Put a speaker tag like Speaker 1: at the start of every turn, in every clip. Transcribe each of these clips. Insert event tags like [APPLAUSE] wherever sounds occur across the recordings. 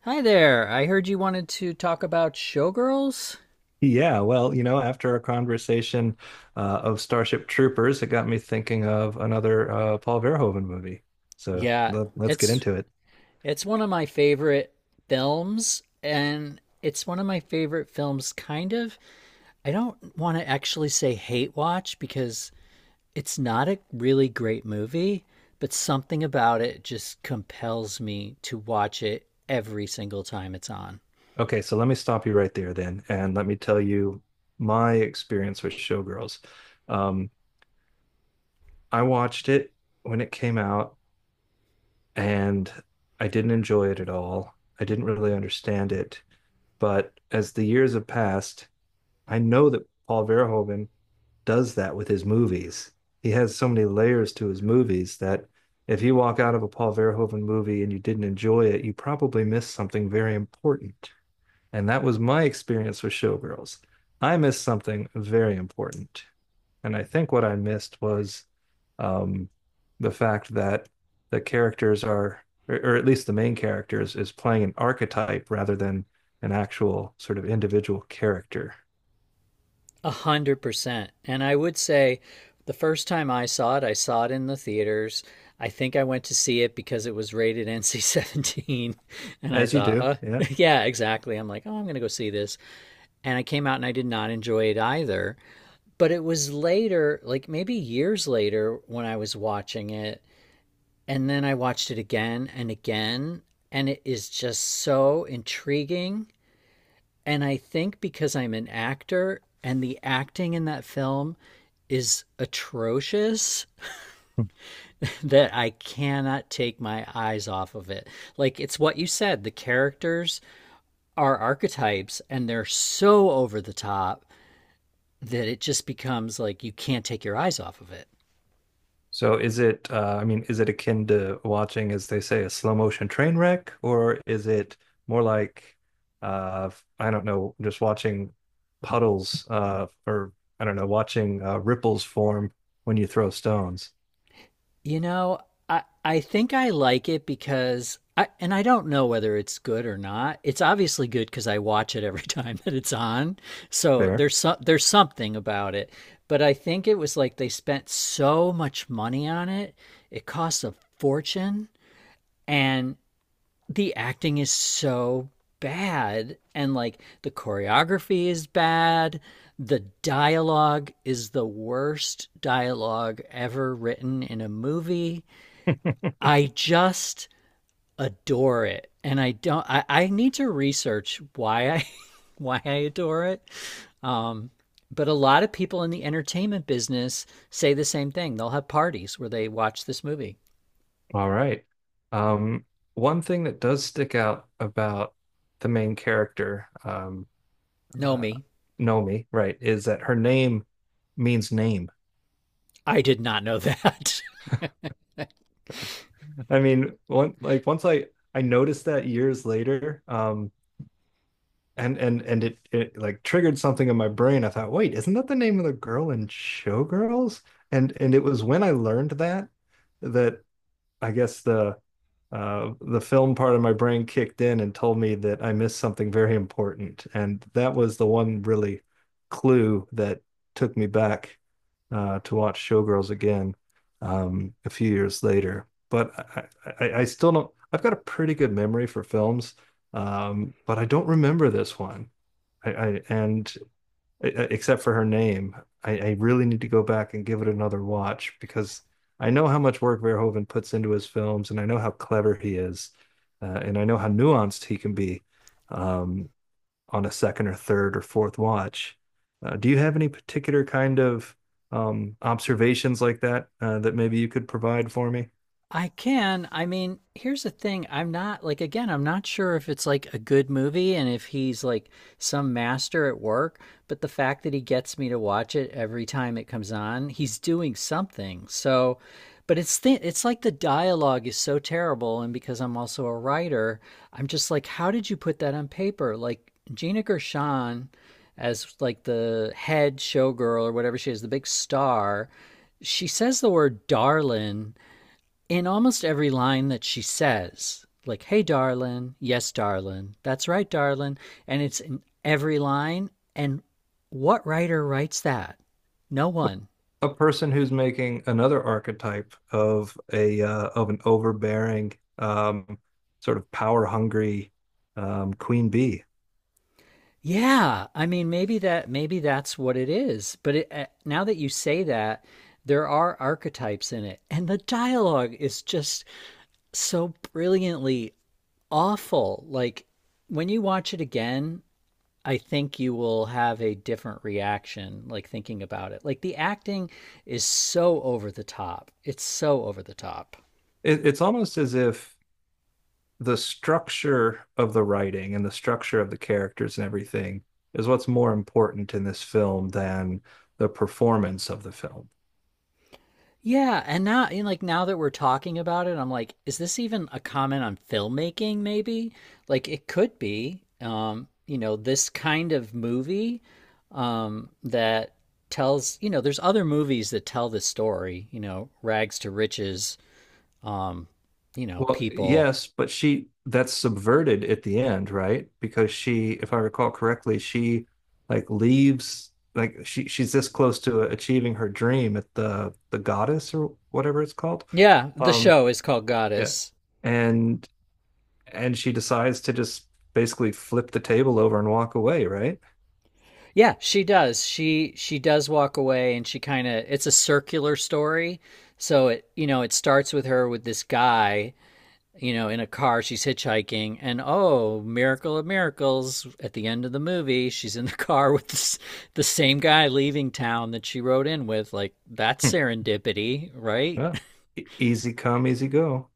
Speaker 1: Hi there. I heard you wanted to talk about Showgirls.
Speaker 2: Yeah, well, you know, after our conversation of Starship Troopers, it got me thinking of another Paul Verhoeven movie. So
Speaker 1: Yeah,
Speaker 2: let's get
Speaker 1: it's
Speaker 2: into it.
Speaker 1: it's one of my favorite films, and it's one of my favorite films kind of. I don't want to actually say hate watch because it's not a really great movie, but something about it just compels me to watch it every single time it's on.
Speaker 2: Okay, so let me stop you right there then, and let me tell you my experience with Showgirls. Um, I watched it when it came out, and I didn't enjoy it at all. I didn't really understand it, but as the years have passed, I know that Paul Verhoeven does that with his movies. He has so many layers to his movies that if you walk out of a Paul Verhoeven movie and you didn't enjoy it, you probably missed something very important. And that was my experience with Showgirls. I missed something very important. And I think what I missed was um, the fact that the characters are, or at least the main characters, is playing an archetype rather than an actual sort of individual character.
Speaker 1: 100%. And I would say the first time I saw it in the theaters. I think I went to see it because it was rated NC-17. [LAUGHS] And I
Speaker 2: As you
Speaker 1: thought,
Speaker 2: do, yeah.
Speaker 1: [LAUGHS] yeah, exactly. I'm like, oh, I'm going to go see this. And I came out and I did not enjoy it either. But it was later, like maybe years later, when I was watching it. And then I watched it again and again. And it is just so intriguing, and I think because I'm an actor and the acting in that film is atrocious [LAUGHS] that I cannot take my eyes off of it. Like it's what you said, the characters are archetypes, and they're so over the top that it just becomes like you can't take your eyes off of it.
Speaker 2: So is it, I mean, is it akin to watching, as they say, a slow motion train wreck, or is it more like, uh, I don't know, just watching puddles, or I don't know, watching ripples form when you throw stones?
Speaker 1: You know, I think I like it because I, and I don't know whether it's good or not. It's obviously good because I watch it every [LAUGHS] time that it's on. So
Speaker 2: Fair.
Speaker 1: there's something about it. But I think it was like they spent so much money on it. It costs a fortune, and the acting is so bad, and like the choreography is bad. The dialogue is the worst dialogue ever written in a movie. I just adore it, and I don't. I need to research why I [LAUGHS] why I adore it. Um, but a lot of people in the entertainment business say the same thing. They'll have parties where they watch this movie.
Speaker 2: All right. Um, one thing that does stick out about the main character,
Speaker 1: Know
Speaker 2: uh,
Speaker 1: me?
Speaker 2: Nomi, right, is that her name means name.
Speaker 1: I did not know [LAUGHS] that.
Speaker 2: I mean, one like once I noticed that years later, and it it like triggered something in my brain. I thought, wait, isn't that the name of the girl in Showgirls? And it was when I learned that that I guess the film part of my brain kicked in and told me that I missed something very important, and that was the one really clue that took me back to watch Showgirls again a few years later. But I still don't. I've got a pretty good memory for films, but I don't remember this one. I and e, e, except for her name. I really need to go back and give it another watch because I know how much work Verhoeven puts into his films, and I know how clever he is, and I know how nuanced he can be um, on a second or third or fourth watch. Do you have any particular kind of observations like that that maybe you could provide for me?
Speaker 1: I can. I mean, here's the thing. I'm not like, again, I'm not sure if it's like a good movie and if he's like some master at work, but the fact that he gets me to watch it every time it comes on, he's doing something. So, but it's like the dialogue is so terrible, and because I'm also a writer, I'm just like, how did you put that on paper? Like Gina Gershon, as like the head showgirl or whatever she is, the big star, she says the word darling in almost every line that she says, like, hey, darling, yes, darling, that's right, darling, and it's in every line. And what writer writes that? No one.
Speaker 2: A person who's making another archetype of a of an overbearing, sort of power hungry queen bee.
Speaker 1: Yeah, I mean, maybe that's what it is. But now that you say that, there are archetypes in it, and the dialogue is just so brilliantly awful. Like when you watch it again, I think you will have a different reaction, like thinking about it. Like the acting is so over the top. It's so over the top.
Speaker 2: It's almost as if the structure of the writing and the structure of the characters and everything is what's more important in this film than the performance of the film.
Speaker 1: Yeah, and now, and like now that we're talking about it, I'm like, is this even a comment on filmmaking? Maybe, like it could be. You know, this kind of movie, that tells. You know, there's other movies that tell this story. You know, rags to riches. Um, you know,
Speaker 2: Well,
Speaker 1: people.
Speaker 2: yes, but she that's subverted at the end, right? Because she, if I recall correctly, she like leaves like she's this close to achieving her dream at the goddess or whatever it's called.
Speaker 1: Yeah, the
Speaker 2: Um,
Speaker 1: show is called
Speaker 2: yeah.
Speaker 1: Goddess.
Speaker 2: And and she decides to just basically flip the table over and walk away, right?
Speaker 1: Yeah, she does. She does walk away, and she kind of, it's a circular story. So it starts with her with this guy, you know, in a car, she's hitchhiking, and oh, miracle of miracles, at the end of the movie, she's in the [LAUGHS] car with this, the same guy leaving town that she rode in with. Like that's
Speaker 2: Hmm.
Speaker 1: serendipity, right?
Speaker 2: Yeah. E- easy come, easy go.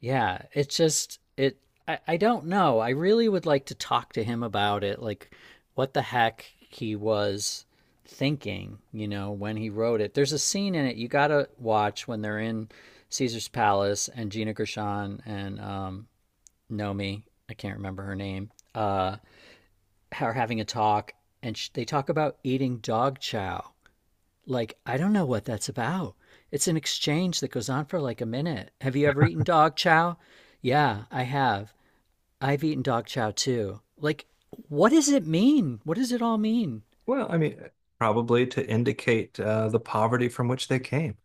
Speaker 1: Yeah, it's just it I don't know. I really would like to talk to him about it, like what the heck he was thinking, you know, when he wrote it. There's a scene in it you gotta watch when they're in Caesar's Palace, and Gina Gershon and Nomi, I can't remember her name, are having a talk, and they talk about eating dog chow. Like, I don't know what that's about. It's an exchange that goes on for like a minute. Have you ever eaten dog chow? Yeah, I have. I've eaten dog chow too. Like, what does it mean? What does it all mean?
Speaker 2: Well, I mean, probably to indicate the poverty from which they came.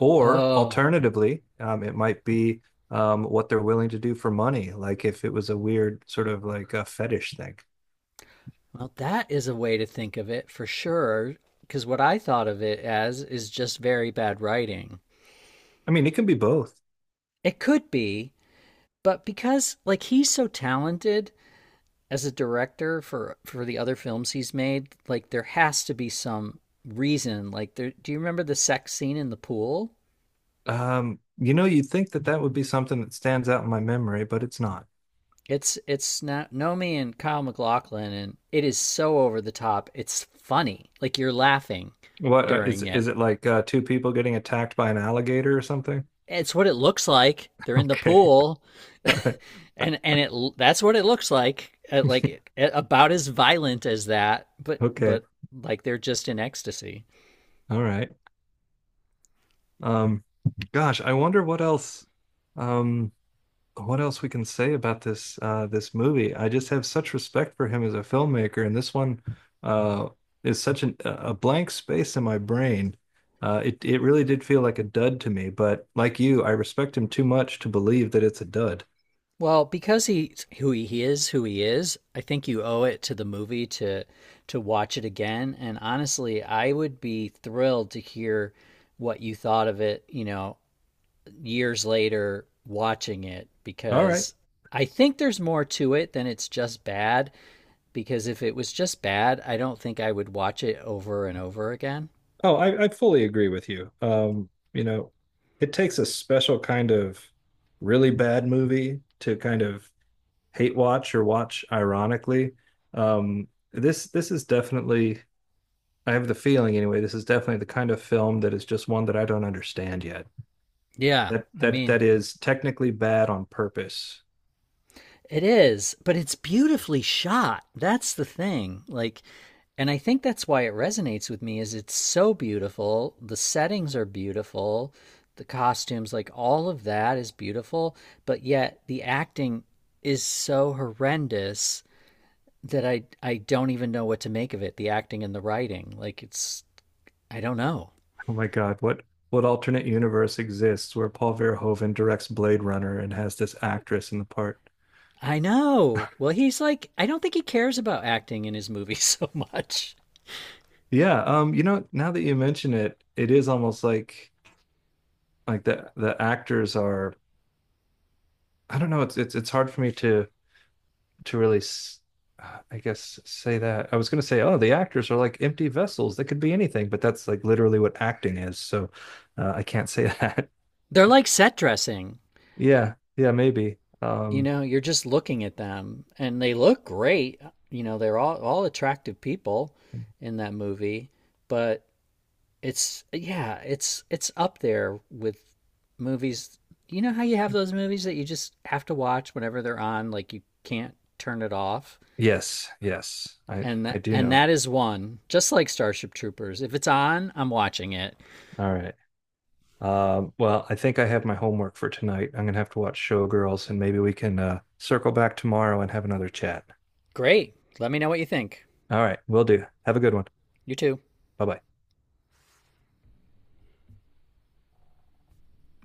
Speaker 2: Or
Speaker 1: Oh,
Speaker 2: alternatively, it might be what they're willing to do for money, like if it was a weird sort of like a fetish thing.
Speaker 1: well, that is a way to think of it for sure. Because what I thought of it as is just very bad writing.
Speaker 2: I mean, it can be both.
Speaker 1: It could be, but because, like, he's so talented as a director, for the other films he's made, like there has to be some reason. Like, there, do you remember the sex scene in the pool?
Speaker 2: You know, you'd think that that would be something that stands out in my memory, but it's not.
Speaker 1: It's not Nomi and Kyle MacLachlan, and it is so over the top. It's funny. Like you're laughing
Speaker 2: What
Speaker 1: during it.
Speaker 2: is it like two people getting attacked by an alligator or something? [LAUGHS]
Speaker 1: It's what it looks like. They're in the
Speaker 2: Okay.
Speaker 1: pool, [LAUGHS]
Speaker 2: All right.
Speaker 1: and it that's what it looks like. Like about as violent as that, but
Speaker 2: Okay.
Speaker 1: like they're just in ecstasy.
Speaker 2: All right. Um, gosh, I wonder um, what else we can say about this this movie. I just have such respect for him as a filmmaker, and this one uh, is such a blank space in my brain. It really did feel like a dud to me, but like you, I respect him too much to believe that it's a dud.
Speaker 1: Well, because he's who he is, I think you owe it to the movie to watch it again. And honestly, I would be thrilled to hear what you thought of it, you know, years later watching it,
Speaker 2: All right.
Speaker 1: because I think there's more to it than it's just bad, because if it was just bad, I don't think I would watch it over and over again.
Speaker 2: Oh, I fully agree with you. You know, it takes a special kind of really bad movie to kind of hate watch or watch ironically. Um, this is definitely I have the feeling anyway, this is definitely the kind of film that is just one that I don't understand yet.
Speaker 1: Yeah,
Speaker 2: That
Speaker 1: I
Speaker 2: that
Speaker 1: mean,
Speaker 2: that is technically bad on purpose.
Speaker 1: it is, but it's beautifully shot. That's the thing. Like, and I think that's why it resonates with me is it's so beautiful. The settings are beautiful. The costumes, like all of that is beautiful, but yet the acting is so horrendous that I don't even know what to make of it. The acting and the writing. Like it's, I don't know.
Speaker 2: Oh my God, what alternate universe exists where Paul Verhoeven directs Blade Runner and has this actress in the part?
Speaker 1: I know. Well, he's like, I don't think he cares about acting in his movies [LAUGHS] so much.
Speaker 2: Yeah, you know, now that you mention it, it is almost like the actors are I don't know, it's hard for me to really, I guess, say that. I was going to say, oh, the actors are like empty vessels. They could be anything, but that's like literally what acting is. So I can't say that. [LAUGHS]
Speaker 1: They're like set dressing.
Speaker 2: Yeah, yeah, maybe.
Speaker 1: You know, you're just looking at them, and they look great. You know, they're all attractive people in that movie. But it's, yeah, it's up there with movies. You know how you have those movies that you just have to watch whenever they're on, like you can't turn it off.
Speaker 2: Yes, yes, I
Speaker 1: and
Speaker 2: I
Speaker 1: that,
Speaker 2: do
Speaker 1: and
Speaker 2: know.
Speaker 1: that is one. Just like Starship Troopers, if it's on, I'm watching it.
Speaker 2: All right. Well, I think I have my homework for tonight. I'm gonna have to watch Showgirls, and maybe we can circle back tomorrow and have another chat.
Speaker 1: Great, let me know what you think.
Speaker 2: All right, will do. Have a good one.
Speaker 1: You too.
Speaker 2: Bye bye.